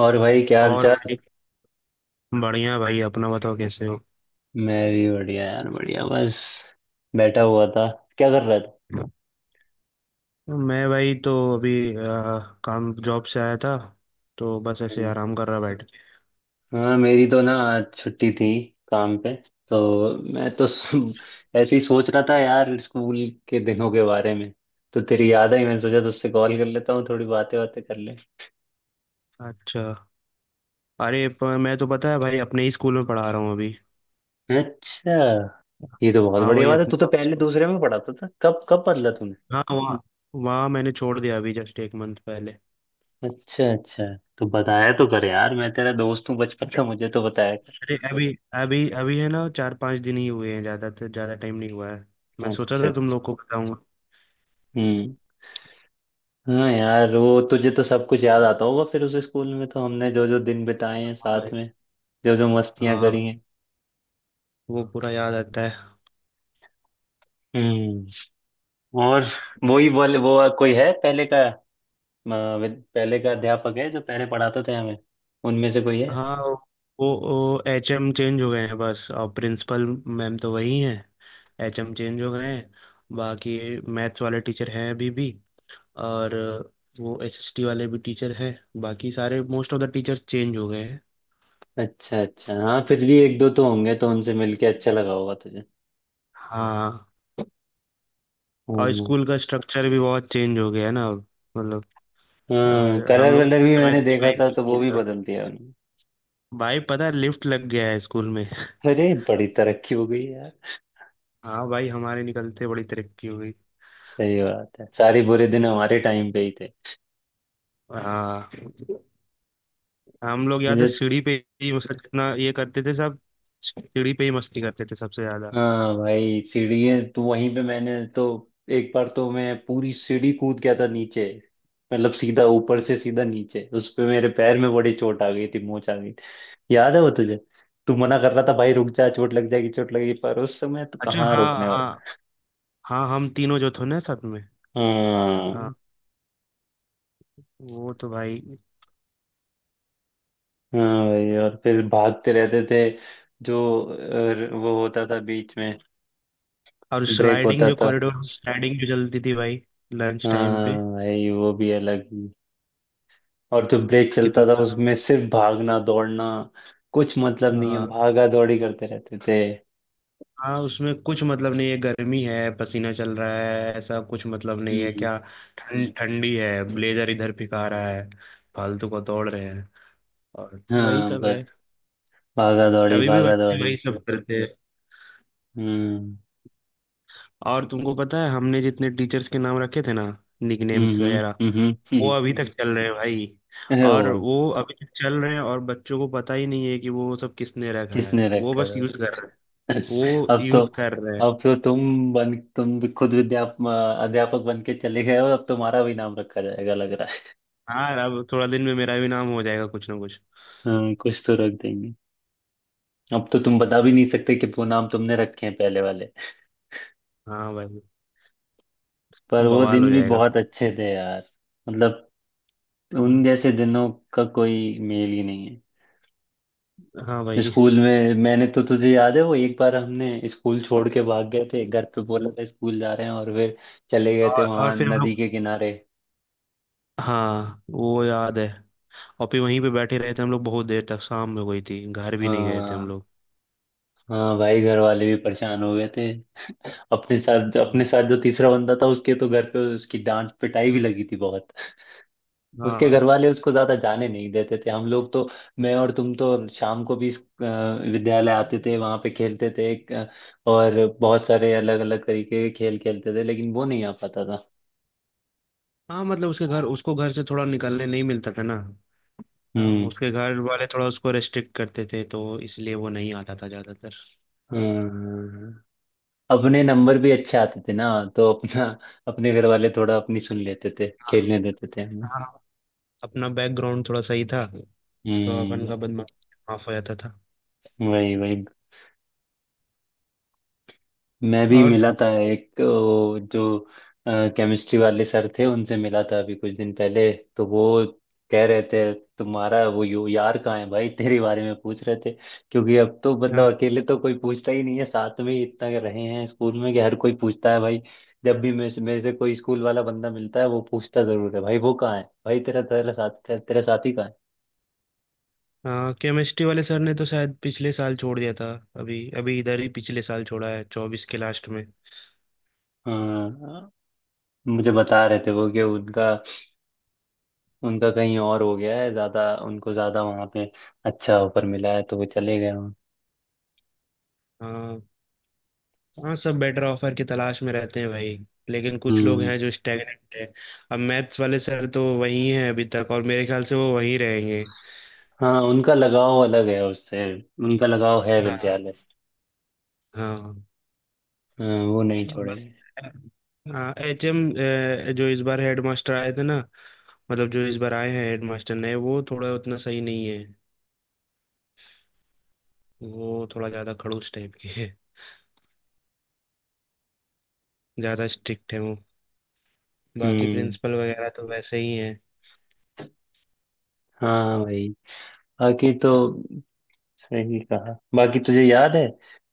और भाई क्या हाल और चाल? भाई। बढ़िया भाई, अपना बताओ कैसे हो। मैं भी बढ़िया यार बढ़िया बस बैठा हुआ था। क्या कर रहा था? मैं भाई तो अभी आ, काम जॉब से आया था, तो बस ऐसे हम्म, आराम कर रहा बैठ के। हाँ मेरी तो ना आज छुट्टी थी काम पे। तो मैं तो ऐसे ही सोच रहा था यार स्कूल के दिनों के बारे में। तो तेरी याद आई मैंने सोचा तुझसे कॉल कर लेता हूँ थोड़ी बातें बातें कर ले। अच्छा। मैं तो, पता है भाई, अपने ही स्कूल में पढ़ा रहा हूँ अभी। अच्छा। ये तो बहुत हाँ बढ़िया भाई बात है। अपने तू तो पास पहले स्कूल। दूसरे में पढ़ाता था कब कब बदला तूने? हाँ वहाँ, मैंने छोड़ दिया अभी, जस्ट एक मंथ पहले। अच्छा अच्छा। तो बताया तो कर यार मैं तेरा दोस्त हूँ बचपन का मुझे तो बताया कर। अरे अभी अभी अभी है ना, चार पांच दिन ही हुए हैं, ज्यादा तो ज्यादा टाइम नहीं हुआ है। मैं सोचा अच्छा। था तुम लोग को बताऊंगा। हम्म। हाँ यार वो तुझे तो सब कुछ याद आता होगा, फिर उस स्कूल में तो हमने जो जो दिन बिताए हैं हाँ भाई। साथ में। जो जो मस्तियां हाँ, करी हैं। वो पूरा याद आता है। हम्म। और वो ही बोले वो कोई है पहले का, पहले का अध्यापक है जो पहले पढ़ाते थे हमें। उनमें से कोई है? हाँ वो वो एच एम चेंज हो गए हैं बस, और प्रिंसिपल मैम तो वही हैं। एच एम चेंज हो गए हैं, बाकी मैथ्स वाले टीचर हैं अभी भी, और वो एस एस टी वाले भी टीचर हैं। बाकी सारे most of the teachers change हो गए हैं। अच्छा अच्छा। हाँ फिर भी एक दो तो होंगे तो उनसे मिलके अच्छा लगा होगा तुझे। हाँ। और हम्म। स्कूल का स्ट्रक्चर भी बहुत चेंज हो गया है ना अब। मतलब हाँ अ, कलर हम लोग वलर जिस भी समय मैंने थे, देखा भाई था कुछ तो वो नहीं भी था। बदल दिया उन्होंने। भाई पता है, लिफ्ट लग गया है स्कूल में। अरे बड़ी तरक्की हो गई यार। हाँ भाई, हमारे निकलते बड़ी तरक्की हो गई। सही बात है सारे बुरे दिन हमारे टाइम पे ही थे। हाँ, हम लोग याद है मुझे। सीढ़ी पे ही, मतलब इतना ये करते थे सब। सीढ़ी पे ही मस्ती करते थे सबसे ज्यादा। हाँ भाई सीढ़ी तो वहीं पे मैंने तो एक बार तो मैं पूरी सीढ़ी कूद गया था नीचे। मतलब सीधा ऊपर से सीधा नीचे, उस पे मेरे पैर में बड़ी चोट आ गई थी मोच आ गई थी। याद है वो तुझे? तू मना कर रहा था भाई रुक जा चोट लग जाएगी चोट लगेगी, पर उस समय तो अच्छा, कहाँ हाँ रोकने हाँ। वाला। हाँ हम तीनों जो थे ना साथ में। हाँ। हाँ। वो तो भाई। हाँ भाई और फिर भागते रहते थे। जो वो होता था बीच में, और ब्रेक स्लाइडिंग होता जो, था। कॉरिडोर स्लाइडिंग जो चलती थी भाई, लंच टाइम हाँ पे। भाई वो भी अलग। और जो ब्रेक चलता था कितना। उसमें सिर्फ भागना दौड़ना, कुछ मतलब नहीं है हाँ। भागा दौड़ी करते रहते थे। हाँ उसमें कुछ मतलब नहीं है, गर्मी है, पसीना चल रहा है, ऐसा कुछ मतलब नहीं है हम्म। क्या। ठंड ठंडी है, ब्लेजर इधर फिका रहा है, फालतू को तोड़ रहे हैं, और वही हाँ सब है। बस भागा दौड़ी अभी भी भागा बच्चे दौड़ी। वही सब करते हैं। हम्म। और तुमको पता है, हमने जितने टीचर्स के नाम रखे थे ना, निकनेम्स हम्म। वगैरह, हम्म। वो हम्म अभी तक चल रहे हैं भाई। अरे ओ और भाई। वो अभी तक चल रहे हैं, और बच्चों को पता ही नहीं है कि वो सब किसने रखा किसने है, वो रखा बस था? यूज कर रहे हैं। वो अब तो यूज कर रहे हैं। अब तो तुम भी खुद विद्याप अध्यापक बन के चले गए हो, अब तुम्हारा भी नाम रखा जाएगा लग रहा है। हाँ, अब थोड़ा दिन में मेरा भी नाम हो जाएगा कुछ ना कुछ। हाँ कुछ तो रख देंगे। अब तो तुम बता भी नहीं सकते कि वो नाम तुमने रखे हैं पहले वाले। हाँ भाई, पर वो बवाल दिन हो भी जाएगा। बहुत अच्छे थे यार। मतलब उन जैसे हाँ। दिनों का कोई मेल ही नहीं है। हाँ भाई। स्कूल में मैंने तो तुझे याद है वो एक बार हमने स्कूल छोड़ के भाग गए थे, घर पे बोला था स्कूल जा रहे हैं और फिर चले गए थे और वहां फिर हम नदी लोग, के किनारे। हाँ वो याद है। और फिर वहीं पे बैठे रहे थे हम लोग बहुत देर तक, शाम हो गई थी, घर भी नहीं गए थे हाँ। हम लोग। हाँ भाई घर वाले भी परेशान हो गए थे। अपने साथ हम्म। अपने साथ जो तीसरा बंदा था उसके तो घर पे उसकी डांट पिटाई भी लगी थी बहुत। उसके हाँ। घर वाले उसको ज्यादा जाने नहीं देते थे हम लोग तो। मैं और तुम तो शाम को भी विद्यालय आते थे वहां पे खेलते थे, और बहुत सारे अलग अलग तरीके के खेल खेलते थे लेकिन वो नहीं आ पाता था। हाँ मतलब उसके घर, उसको घर से थोड़ा निकलने नहीं मिलता था ना। हाँ, हम्म। उसके घर वाले थोड़ा उसको रेस्ट्रिक्ट करते थे, तो इसलिए वो नहीं आता था ज्यादातर। हम्म। अपने नंबर भी अच्छे आते थे ना। तो अपना अपने घर वाले थोड़ा अपनी सुन लेते थे खेलने देते थे हमें। हाँ, अपना बैकग्राउंड थोड़ा सही था, तो अपन हम्म। का बदमाश माफ हो जाता था। वही वही। मैं भी और मिला था एक जो केमिस्ट्री वाले सर थे उनसे मिला था अभी कुछ दिन पहले। तो वो कह रहे थे तुम्हारा वो यो यार कहाँ है भाई। तेरे बारे में पूछ रहे थे। क्योंकि अब तो मतलब अकेले तो कोई पूछता ही नहीं है, साथ में ही इतना रहे हैं स्कूल में कि हर कोई पूछता है भाई। जब भी मेरे से कोई स्कूल वाला बंदा मिलता है वो पूछता जरूर है भाई वो कहाँ है भाई तेरा तेरा साथ तेरा साथी कहाँ केमिस्ट्री वाले सर ने तो शायद पिछले साल छोड़ दिया था। अभी अभी इधर ही पिछले साल छोड़ा है, चौबीस के लास्ट में। है। हाँ। मुझे बता रहे थे वो कि उनका उनका कहीं और हो गया है, ज्यादा उनको ज्यादा वहां पे अच्छा ऑफर मिला है तो वो चले गए वहाँ। हाँ। हाँ सब बेटर ऑफर की तलाश में रहते हैं भाई, लेकिन कुछ लोग हम्म। हैं जो स्टैगनेंट है। अब मैथ्स वाले सर तो वही हैं अभी तक, और मेरे ख्याल से वो वहीं रहेंगे। हाँ उनका लगाव अलग है उससे, उनका लगाव है हाँ। विद्यालय। हाँ। हाँ, वो नहीं छोड़ेंगे। बस। हाँ, एचएम जो इस बार हेडमास्टर आए थे ना, मतलब जो इस बार आए हैं हेडमास्टर नए, वो थोड़ा उतना सही नहीं है। वो थोड़ा ज्यादा खड़ूस टाइप के हैं, ज्यादा स्ट्रिक्ट है वो। बाकी हम्म। प्रिंसिपल वगैरह तो वैसे ही है। हाँ भाई बाकी तो सही कहा। बाकी तुझे याद है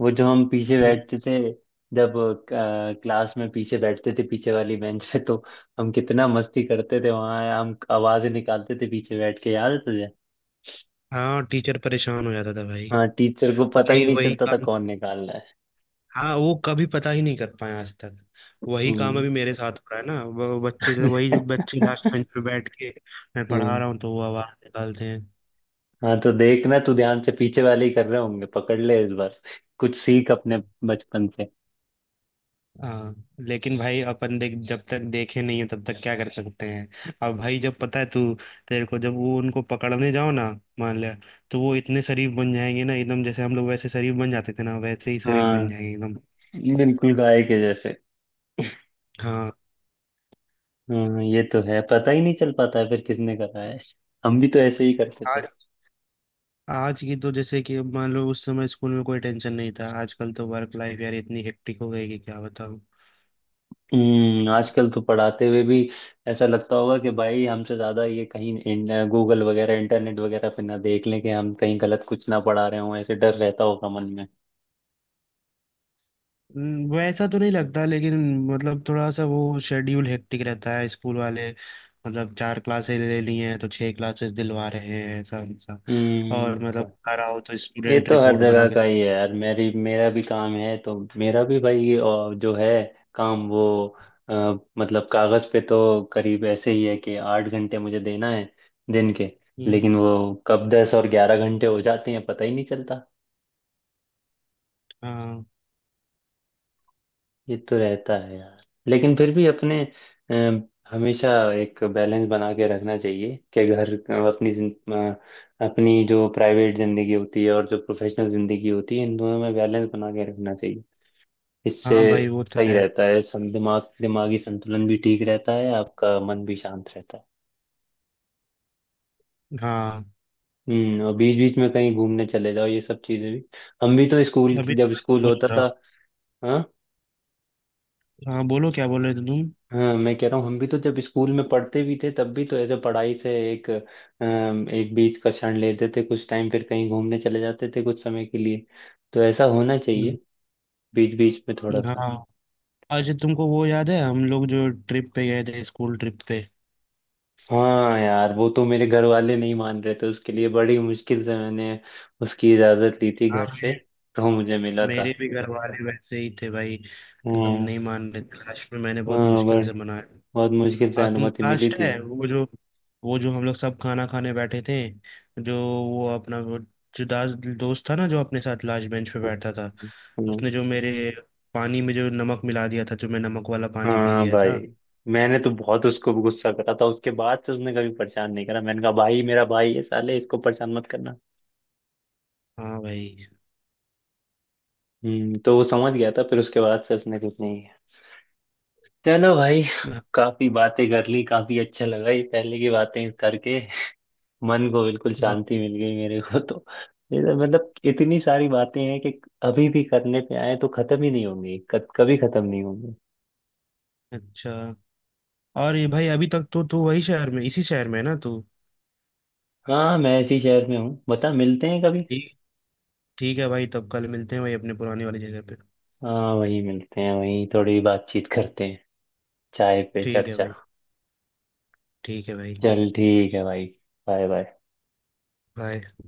वो जो हम पीछे हम्म। बैठते थे जब क्लास में पीछे बैठते थे पीछे वाली बेंच पे, तो हम कितना मस्ती करते थे वहां, हम आवाजें निकालते थे पीछे बैठ के, याद है तुझे? हाँ, टीचर परेशान हो जाता था भाई। हाँ टीचर को पता ही वही नहीं वही चलता था काम। कौन निकाल रहा है। हाँ, वो कभी पता ही नहीं कर पाए आज तक। वही काम अभी हम्म। मेरे साथ हो रहा है ना, वो बच्चे, वही बच्चे लास्ट बेंच पे बैठ के, मैं पढ़ा हम्म, रहा हूँ तो वो आवाज निकालते हैं। हाँ तो देखना तू ध्यान से पीछे वाले ही कर रहे होंगे, पकड़ ले इस बार। कुछ सीख अपने बचपन से। हाँ, लेकिन भाई अपन देख, जब तक देखे नहीं है तब तक क्या कर सकते हैं। अब भाई जब पता है तू, तेरे को जब वो, उनको पकड़ने जाओ ना, मान ले, तो वो इतने शरीफ बन जाएंगे ना एकदम, जैसे हम लोग वैसे शरीफ बन जाते थे ना, वैसे ही शरीफ बन हाँ जाएंगे एकदम। बिल्कुल गाय के जैसे। हाँ। हम्म, ये तो है, पता ही नहीं चल पाता है फिर किसने करा है। हम भी तो ऐसे ही करते थे। आज आज की तो, जैसे कि मान लो उस समय स्कूल में कोई टेंशन नहीं था, आजकल तो वर्क लाइफ यार इतनी हेक्टिक हो गई कि क्या बताऊं। हम्म, आजकल तो पढ़ाते हुए भी ऐसा लगता होगा कि भाई हमसे ज्यादा ये कहीं गूगल वगैरह इंटरनेट वगैरह पे ना देख लें कि हम कहीं गलत कुछ ना पढ़ा रहे हों, ऐसे डर रहता होगा मन में। वैसा तो नहीं लगता, लेकिन मतलब थोड़ा सा वो शेड्यूल हेक्टिक रहता है स्कूल वाले। मतलब चार क्लासेस ले ली हैं तो छह क्लासेस दिलवा रहे हैं, ऐसा ऐसा। हम्म। और मतलब घर आओ तो ये स्टूडेंट तो हर रिपोर्ट बना जगह के। का ही है यार, मेरी मेरा भी काम है तो। मेरा भी भाई ये, और जो है काम वो अ, मतलब कागज पे तो करीब ऐसे ही है कि आठ घंटे मुझे देना है दिन के। हम्म। लेकिन वो कब दस और ग्यारह घंटे हो जाते हैं पता ही नहीं चलता। हाँ। ये तो रहता है यार। लेकिन फिर भी अपने हमेशा एक बैलेंस बना के रखना चाहिए कि घर, अपनी अपनी जो प्राइवेट जिंदगी होती है और जो प्रोफेशनल जिंदगी होती है इन दोनों में बैलेंस बना के रखना चाहिए। इससे हाँ भाई वो तो सही है। रहता है, सं दिमागी संतुलन भी ठीक रहता है, आपका मन भी शांत रहता है। हाँ, हम्म। और बीच बीच में कहीं घूमने चले जाओ ये सब चीजें भी। हम भी तो स्कूल की, अभी तो जब मैं स्कूल सोच होता रहा था। हूँ। हाँ। हाँ, बोलो क्या बोल रहे थे तुम। हाँ मैं कह रहा हूँ हम भी तो जब स्कूल में पढ़ते भी थे तब भी तो ऐसे पढ़ाई से एक बीच का क्षण लेते थे कुछ टाइम, फिर कहीं घूमने चले जाते थे कुछ समय के लिए। तो ऐसा होना हम्म। चाहिए। बीच बीच में थोड़ा सा। हाँ। अच्छा तुमको वो याद है, हम लोग जो ट्रिप पे गए थे, स्कूल ट्रिप पे। हाँ यार वो तो मेरे घर वाले नहीं मान रहे थे, उसके लिए बड़ी मुश्किल से मैंने उसकी इजाजत ली थी हाँ, घर से। तो मुझे मिला था। मेरे भी घर वाले वैसे ही थे भाई, एकदम हाँ नहीं मान रहे थे, लास्ट में मैंने बहुत हाँ मुश्किल बड़ी से मनाया। बहुत मुश्किल से आ, तुम अनुमति मिली लास्ट थी। है वो जो, वो जो हम लोग सब खाना खाने बैठे थे, जो वो अपना वो, जो दास दोस्त था ना, जो अपने साथ लास्ट बेंच पे बैठा था, हाँ। उसने जो मेरे पानी में जो नमक मिला दिया था, जो मैं नमक वाला पानी पी हाँ गया भाई था। मैंने तो बहुत उसको गुस्सा करा था, उसके बाद से उसने कभी परेशान नहीं करा, मैंने कहा भाई मेरा भाई है साले इसको परेशान मत करना। हाँ भाई। हम्म, तो वो समझ गया था फिर, उसके बाद से उसने कुछ नहीं किया। चलो भाई, हाँ। काफी बातें कर ली, काफी अच्छा लगा ये पहले की बातें करके। मन को बिल्कुल हाँ, शांति मिल गई मेरे को तो। ये तो मतलब इतनी सारी बातें हैं कि अभी भी करने पे आए तो खत्म ही नहीं होंगी, कभी खत्म नहीं होंगी। अच्छा। और ये भाई, अभी तक तो तू वही शहर में, इसी शहर में है ना तू। हाँ मैं इसी शहर में हूँ, बता मिलते हैं कभी। ठीक, ठीक है भाई, तब कल मिलते हैं भाई, अपने पुराने वाली जगह पे। हाँ वहीं मिलते हैं, वहीं थोड़ी बातचीत करते हैं, चाय पे ठीक है चर्चा। भाई। ठीक है भाई। चल ठीक है भाई, बाय बाय। बाय।